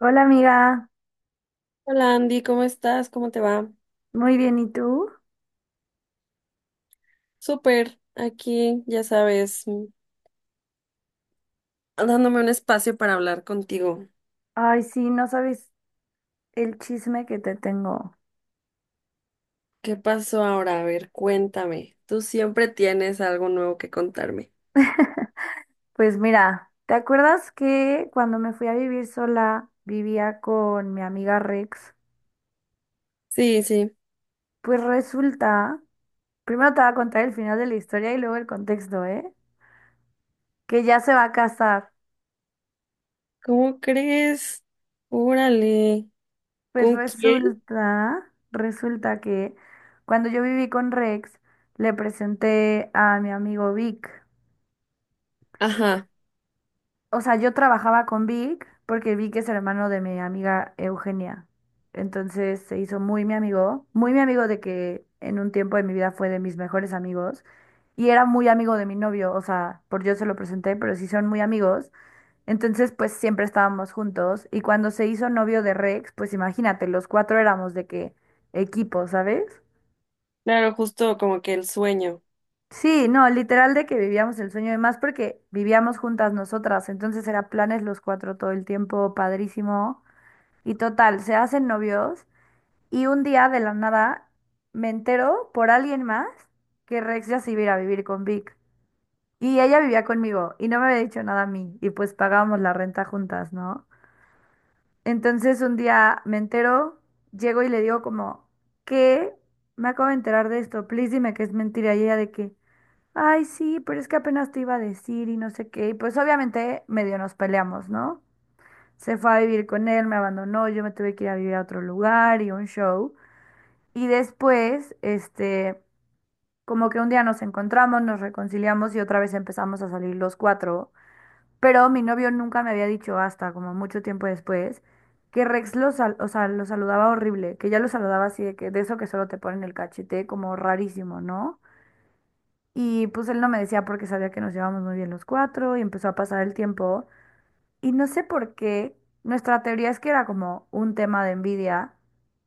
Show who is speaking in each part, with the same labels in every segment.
Speaker 1: Hola amiga,
Speaker 2: Hola Andy, ¿cómo estás? ¿Cómo te va?
Speaker 1: muy bien, ¿y tú?
Speaker 2: Súper, aquí, ya sabes, dándome un espacio para hablar contigo.
Speaker 1: Ay, sí, no sabes el chisme que te tengo.
Speaker 2: ¿Qué pasó ahora? A ver, cuéntame. Tú siempre tienes algo nuevo que contarme.
Speaker 1: Pues mira, ¿te acuerdas que cuando me fui a vivir sola vivía con mi amiga Rex?
Speaker 2: Sí, sí.
Speaker 1: Pues resulta, primero te voy a contar el final de la historia y luego el contexto, ¿eh? Que ya se va a casar.
Speaker 2: ¿Cómo crees? Órale.
Speaker 1: Pues
Speaker 2: ¿Con quién?
Speaker 1: resulta, resulta que cuando yo viví con Rex, le presenté a mi amigo Vic.
Speaker 2: Ajá.
Speaker 1: O sea, yo trabajaba con Vic porque Vic es hermano de mi amiga Eugenia. Entonces se hizo muy mi amigo de que en un tiempo de mi vida fue de mis mejores amigos y era muy amigo de mi novio, o sea, por yo se lo presenté, pero sí son muy amigos. Entonces, pues siempre estábamos juntos y cuando se hizo novio de Rex, pues imagínate, los cuatro éramos de qué equipo, ¿sabes?
Speaker 2: Claro, justo como que el sueño.
Speaker 1: Sí, no, literal de que vivíamos el sueño de más porque vivíamos juntas nosotras, entonces era planes los cuatro todo el tiempo, padrísimo. Y total, se hacen novios y un día de la nada me entero por alguien más que Rex ya se iba a ir a vivir con Vic. Y ella vivía conmigo y no me había dicho nada a mí y pues pagábamos la renta juntas, ¿no? Entonces un día me entero, llego y le digo como, ¿qué? Me acabo de enterar de esto, please dime que es mentira. Y ella de que, ay, sí, pero es que apenas te iba a decir y no sé qué. Y pues obviamente medio nos peleamos, ¿no? Se fue a vivir con él, me abandonó, yo me tuve que ir a vivir a otro lugar y un show. Y después, este, como que un día nos encontramos, nos reconciliamos y otra vez empezamos a salir los cuatro. Pero mi novio nunca me había dicho hasta como mucho tiempo después que o sea, lo saludaba horrible, que ya lo saludaba así de que de eso que solo te ponen el cachete, como rarísimo, ¿no? Y pues él no me decía porque sabía que nos llevábamos muy bien los cuatro y empezó a pasar el tiempo. Y no sé por qué, nuestra teoría es que era como un tema de envidia,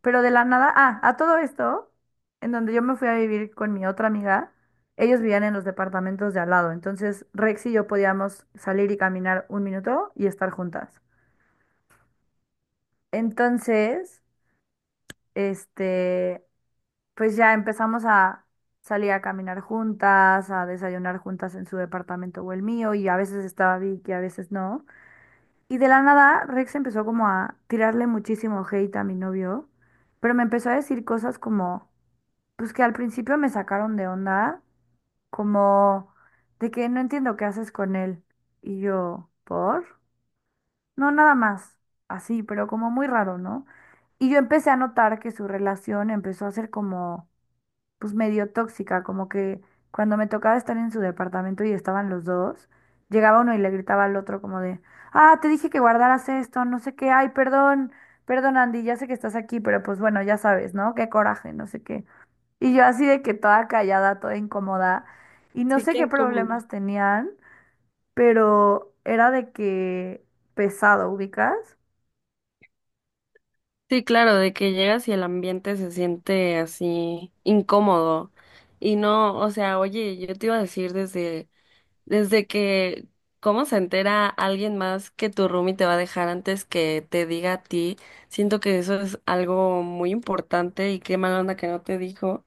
Speaker 1: pero de la nada, ah, a todo esto, en donde yo me fui a vivir con mi otra amiga, ellos vivían en los departamentos de al lado, entonces Rex y yo podíamos salir y caminar un minuto y estar juntas. Entonces, este, pues ya empezamos a salir a caminar juntas, a desayunar juntas en su departamento o el mío, y a veces estaba Vicky, a veces no. Y de la nada, Rex empezó como a tirarle muchísimo hate a mi novio, pero me empezó a decir cosas como, pues que al principio me sacaron de onda, como de que no entiendo qué haces con él. Y yo, ¿por? No, nada más, así, pero como muy raro, ¿no? Y yo empecé a notar que su relación empezó a ser como pues medio tóxica, como que cuando me tocaba estar en su departamento y estaban los dos, llegaba uno y le gritaba al otro como de, ah, te dije que guardaras esto, no sé qué, ay, perdón, perdón Andy, ya sé que estás aquí, pero pues bueno, ya sabes, ¿no? Qué coraje, no sé qué. Y yo así de que toda callada, toda incómoda, y no
Speaker 2: Sí,
Speaker 1: sé
Speaker 2: qué
Speaker 1: qué
Speaker 2: incómodo.
Speaker 1: problemas tenían, pero era de que pesado, ¿ubicas?
Speaker 2: Sí, claro, de que llegas y el ambiente se siente así incómodo. Y no, o sea, oye, yo te iba a decir desde. Desde que, ¿Cómo se entera alguien más que tu roomie te va a dejar antes que te diga a ti? Siento que eso es algo muy importante y qué mala onda que no te dijo.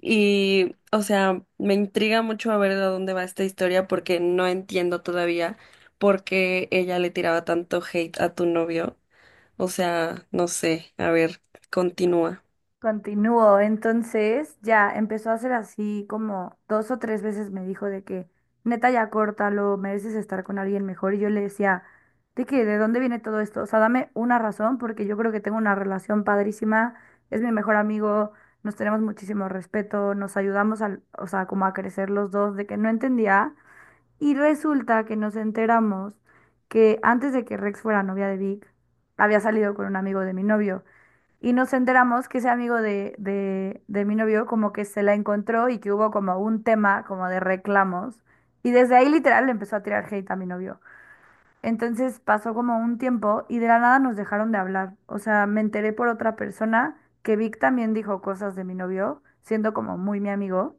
Speaker 2: Y, o sea, me intriga mucho a ver de dónde va esta historia porque no entiendo todavía por qué ella le tiraba tanto hate a tu novio. O sea, no sé, a ver, continúa.
Speaker 1: Continuó entonces ya empezó a hacer así como dos o tres veces me dijo de que neta ya córtalo, mereces estar con alguien mejor y yo le decía de que de dónde viene todo esto, o sea, dame una razón porque yo creo que tengo una relación padrísima, es mi mejor amigo, nos tenemos muchísimo respeto, o sea, como a crecer los dos, de que no entendía y resulta que nos enteramos que antes de que Rex fuera novia de Vic, había salido con un amigo de mi novio. Y nos enteramos que ese amigo de mi novio como que se la encontró y que hubo como un tema como de reclamos. Y desde ahí literal le empezó a tirar hate a mi novio. Entonces pasó como un tiempo y de la nada nos dejaron de hablar. O sea, me enteré por otra persona que Vic también dijo cosas de mi novio, siendo como muy mi amigo.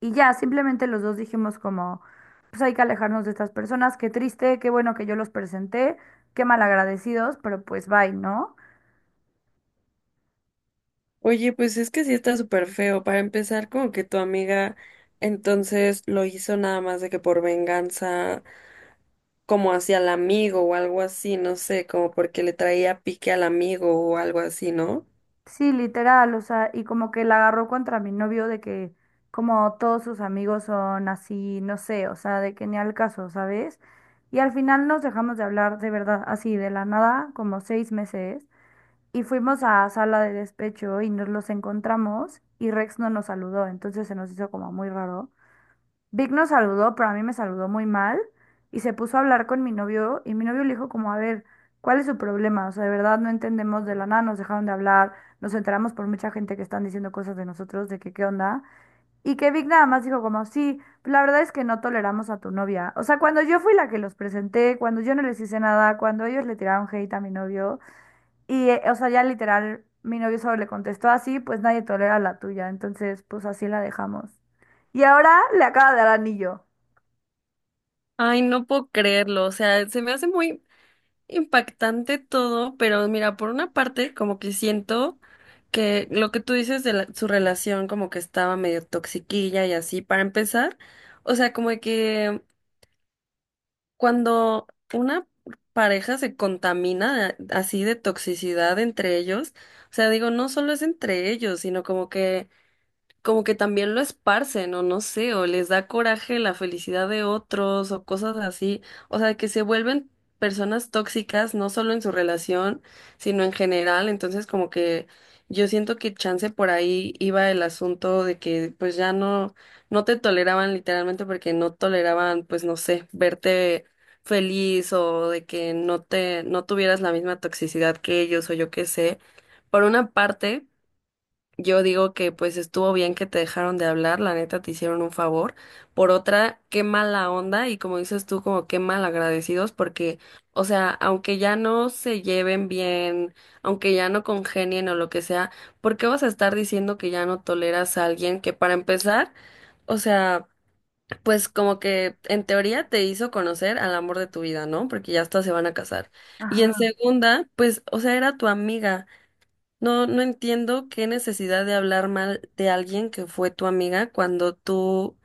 Speaker 1: Y ya, simplemente los dos dijimos como, pues hay que alejarnos de estas personas, qué triste, qué bueno que yo los presenté, qué malagradecidos, pero pues bye, ¿no?
Speaker 2: Oye, pues es que sí está súper feo. Para empezar, como que tu amiga entonces lo hizo nada más de que por venganza, como hacia el amigo o algo así, no sé, como porque le traía pique al amigo o algo así, ¿no?
Speaker 1: Sí, literal, o sea, y como que la agarró contra mi novio de que como todos sus amigos son así, no sé, o sea, de que ni al caso, ¿sabes? Y al final nos dejamos de hablar de verdad, así de la nada, como seis meses, y fuimos a sala de despecho y nos los encontramos y Rex no nos saludó, entonces se nos hizo como muy raro. Vic nos saludó, pero a mí me saludó muy mal y se puso a hablar con mi novio y mi novio le dijo como, a ver, ¿cuál es su problema? O sea, de verdad no entendemos de la nada, nos dejaron de hablar, nos enteramos por mucha gente que están diciendo cosas de nosotros, de que qué onda. Y que Vic nada más dijo como, sí, la verdad es que no toleramos a tu novia. O sea, cuando yo fui la que los presenté, cuando yo no les hice nada, cuando ellos le tiraron hate a mi novio y, o sea, ya literal, mi novio solo le contestó así, pues nadie tolera la tuya, entonces pues así la dejamos. Y ahora le acaba de dar anillo.
Speaker 2: Ay, no puedo creerlo, o sea, se me hace muy impactante todo, pero mira, por una parte, como que siento que lo que tú dices su relación como que estaba medio toxiquilla y así, para empezar, o sea, como de que. Cuando una pareja se contamina así de toxicidad entre ellos, o sea, digo, no solo es entre ellos, sino como que también lo esparcen, o no sé, o les da coraje la felicidad de otros, o cosas así. O sea, que se vuelven personas tóxicas, no solo en su relación, sino en general. Entonces, como que yo siento que chance por ahí iba el asunto de que pues ya no te toleraban literalmente porque no toleraban, pues no sé, verte feliz o de que no tuvieras la misma toxicidad que ellos, o yo qué sé. Por una parte yo digo que pues estuvo bien que te dejaron de hablar, la neta te hicieron un favor. Por otra, qué mala onda y como dices tú, como qué mal agradecidos porque, o sea, aunque ya no se lleven bien, aunque ya no congenien o lo que sea, ¿por qué vas a estar diciendo que ya no toleras a alguien que para empezar, o sea, pues como que en teoría te hizo conocer al amor de tu vida, ¿no? Porque ya hasta se van a casar. Y en
Speaker 1: Ajá.
Speaker 2: segunda, pues, o sea, era tu amiga. No, no entiendo qué necesidad de hablar mal de alguien que fue tu amiga cuando tú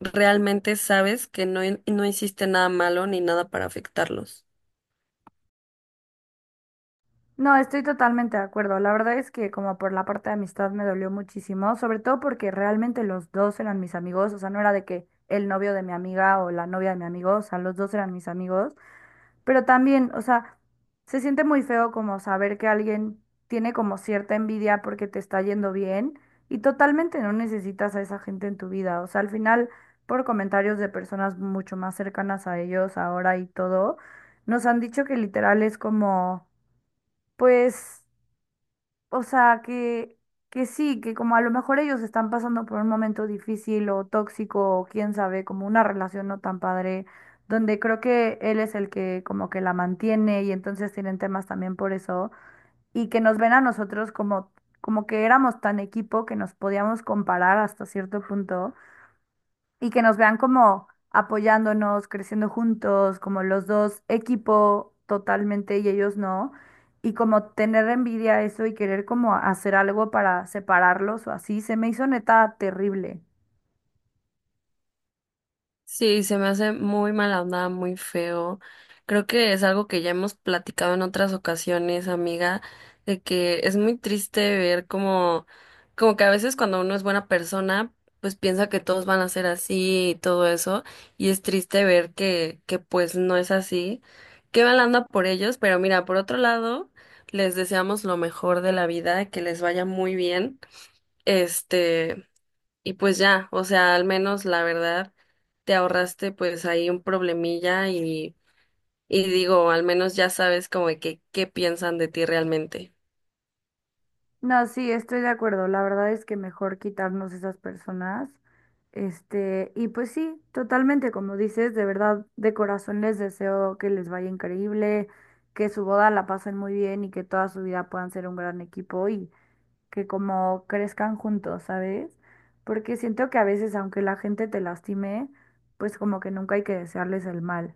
Speaker 2: realmente sabes que no, no hiciste nada malo ni nada para afectarlos.
Speaker 1: No, estoy totalmente de acuerdo. La verdad es que como por la parte de amistad me dolió muchísimo, sobre todo porque realmente los dos eran mis amigos, o sea, no era de que el novio de mi amiga o la novia de mi amigo, o sea, los dos eran mis amigos, pero también, o sea, se siente muy feo como saber que alguien tiene como cierta envidia porque te está yendo bien y totalmente no necesitas a esa gente en tu vida, o sea, al final, por comentarios de personas mucho más cercanas a ellos ahora y todo, nos han dicho que literal es como... pues, o sea, que sí, que como a lo mejor ellos están pasando por un momento difícil o tóxico, o quién sabe, como una relación no tan padre, donde creo que él es el que como que la mantiene y entonces tienen temas también por eso, y que nos ven a nosotros como, como que éramos tan equipo que nos podíamos comparar hasta cierto punto y que nos vean como apoyándonos, creciendo juntos, como los dos equipo totalmente y ellos no, y como tener envidia a eso y querer como hacer algo para separarlos o así, se me hizo neta terrible.
Speaker 2: Sí, se me hace muy mala onda, muy feo. Creo que es algo que ya hemos platicado en otras ocasiones, amiga, de que es muy triste ver como, como que a veces cuando uno es buena persona, pues piensa que todos van a ser así y todo eso, y es triste ver que pues no es así. Qué mala onda por ellos, pero mira, por otro lado, les deseamos lo mejor de la vida, que les vaya muy bien. Este. Y pues ya, o sea, al menos la verdad, te ahorraste pues ahí un problemilla y digo, al menos ya sabes como de que qué piensan de ti realmente.
Speaker 1: No, sí, estoy de acuerdo. La verdad es que mejor quitarnos esas personas. Este, y pues sí, totalmente, como dices, de verdad, de corazón les deseo que les vaya increíble, que su boda la pasen muy bien y que toda su vida puedan ser un gran equipo y que como crezcan juntos, ¿sabes? Porque siento que a veces, aunque la gente te lastime, pues como que nunca hay que desearles el mal.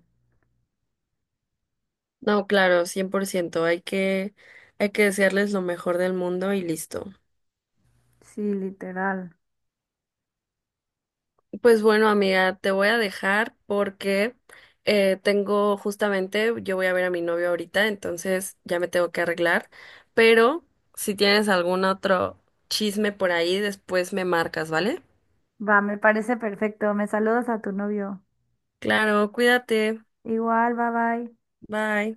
Speaker 2: No, claro, 100%. Hay que desearles lo mejor del mundo y listo.
Speaker 1: Sí, literal.
Speaker 2: Pues bueno, amiga, te voy a dejar porque tengo justamente, yo voy a ver a mi novio ahorita, entonces ya me tengo que arreglar, pero si tienes algún otro chisme por ahí, después me marcas, ¿vale?
Speaker 1: Va, me parece perfecto. Me saludas a tu novio.
Speaker 2: Claro, cuídate.
Speaker 1: Igual, bye bye.
Speaker 2: Bye.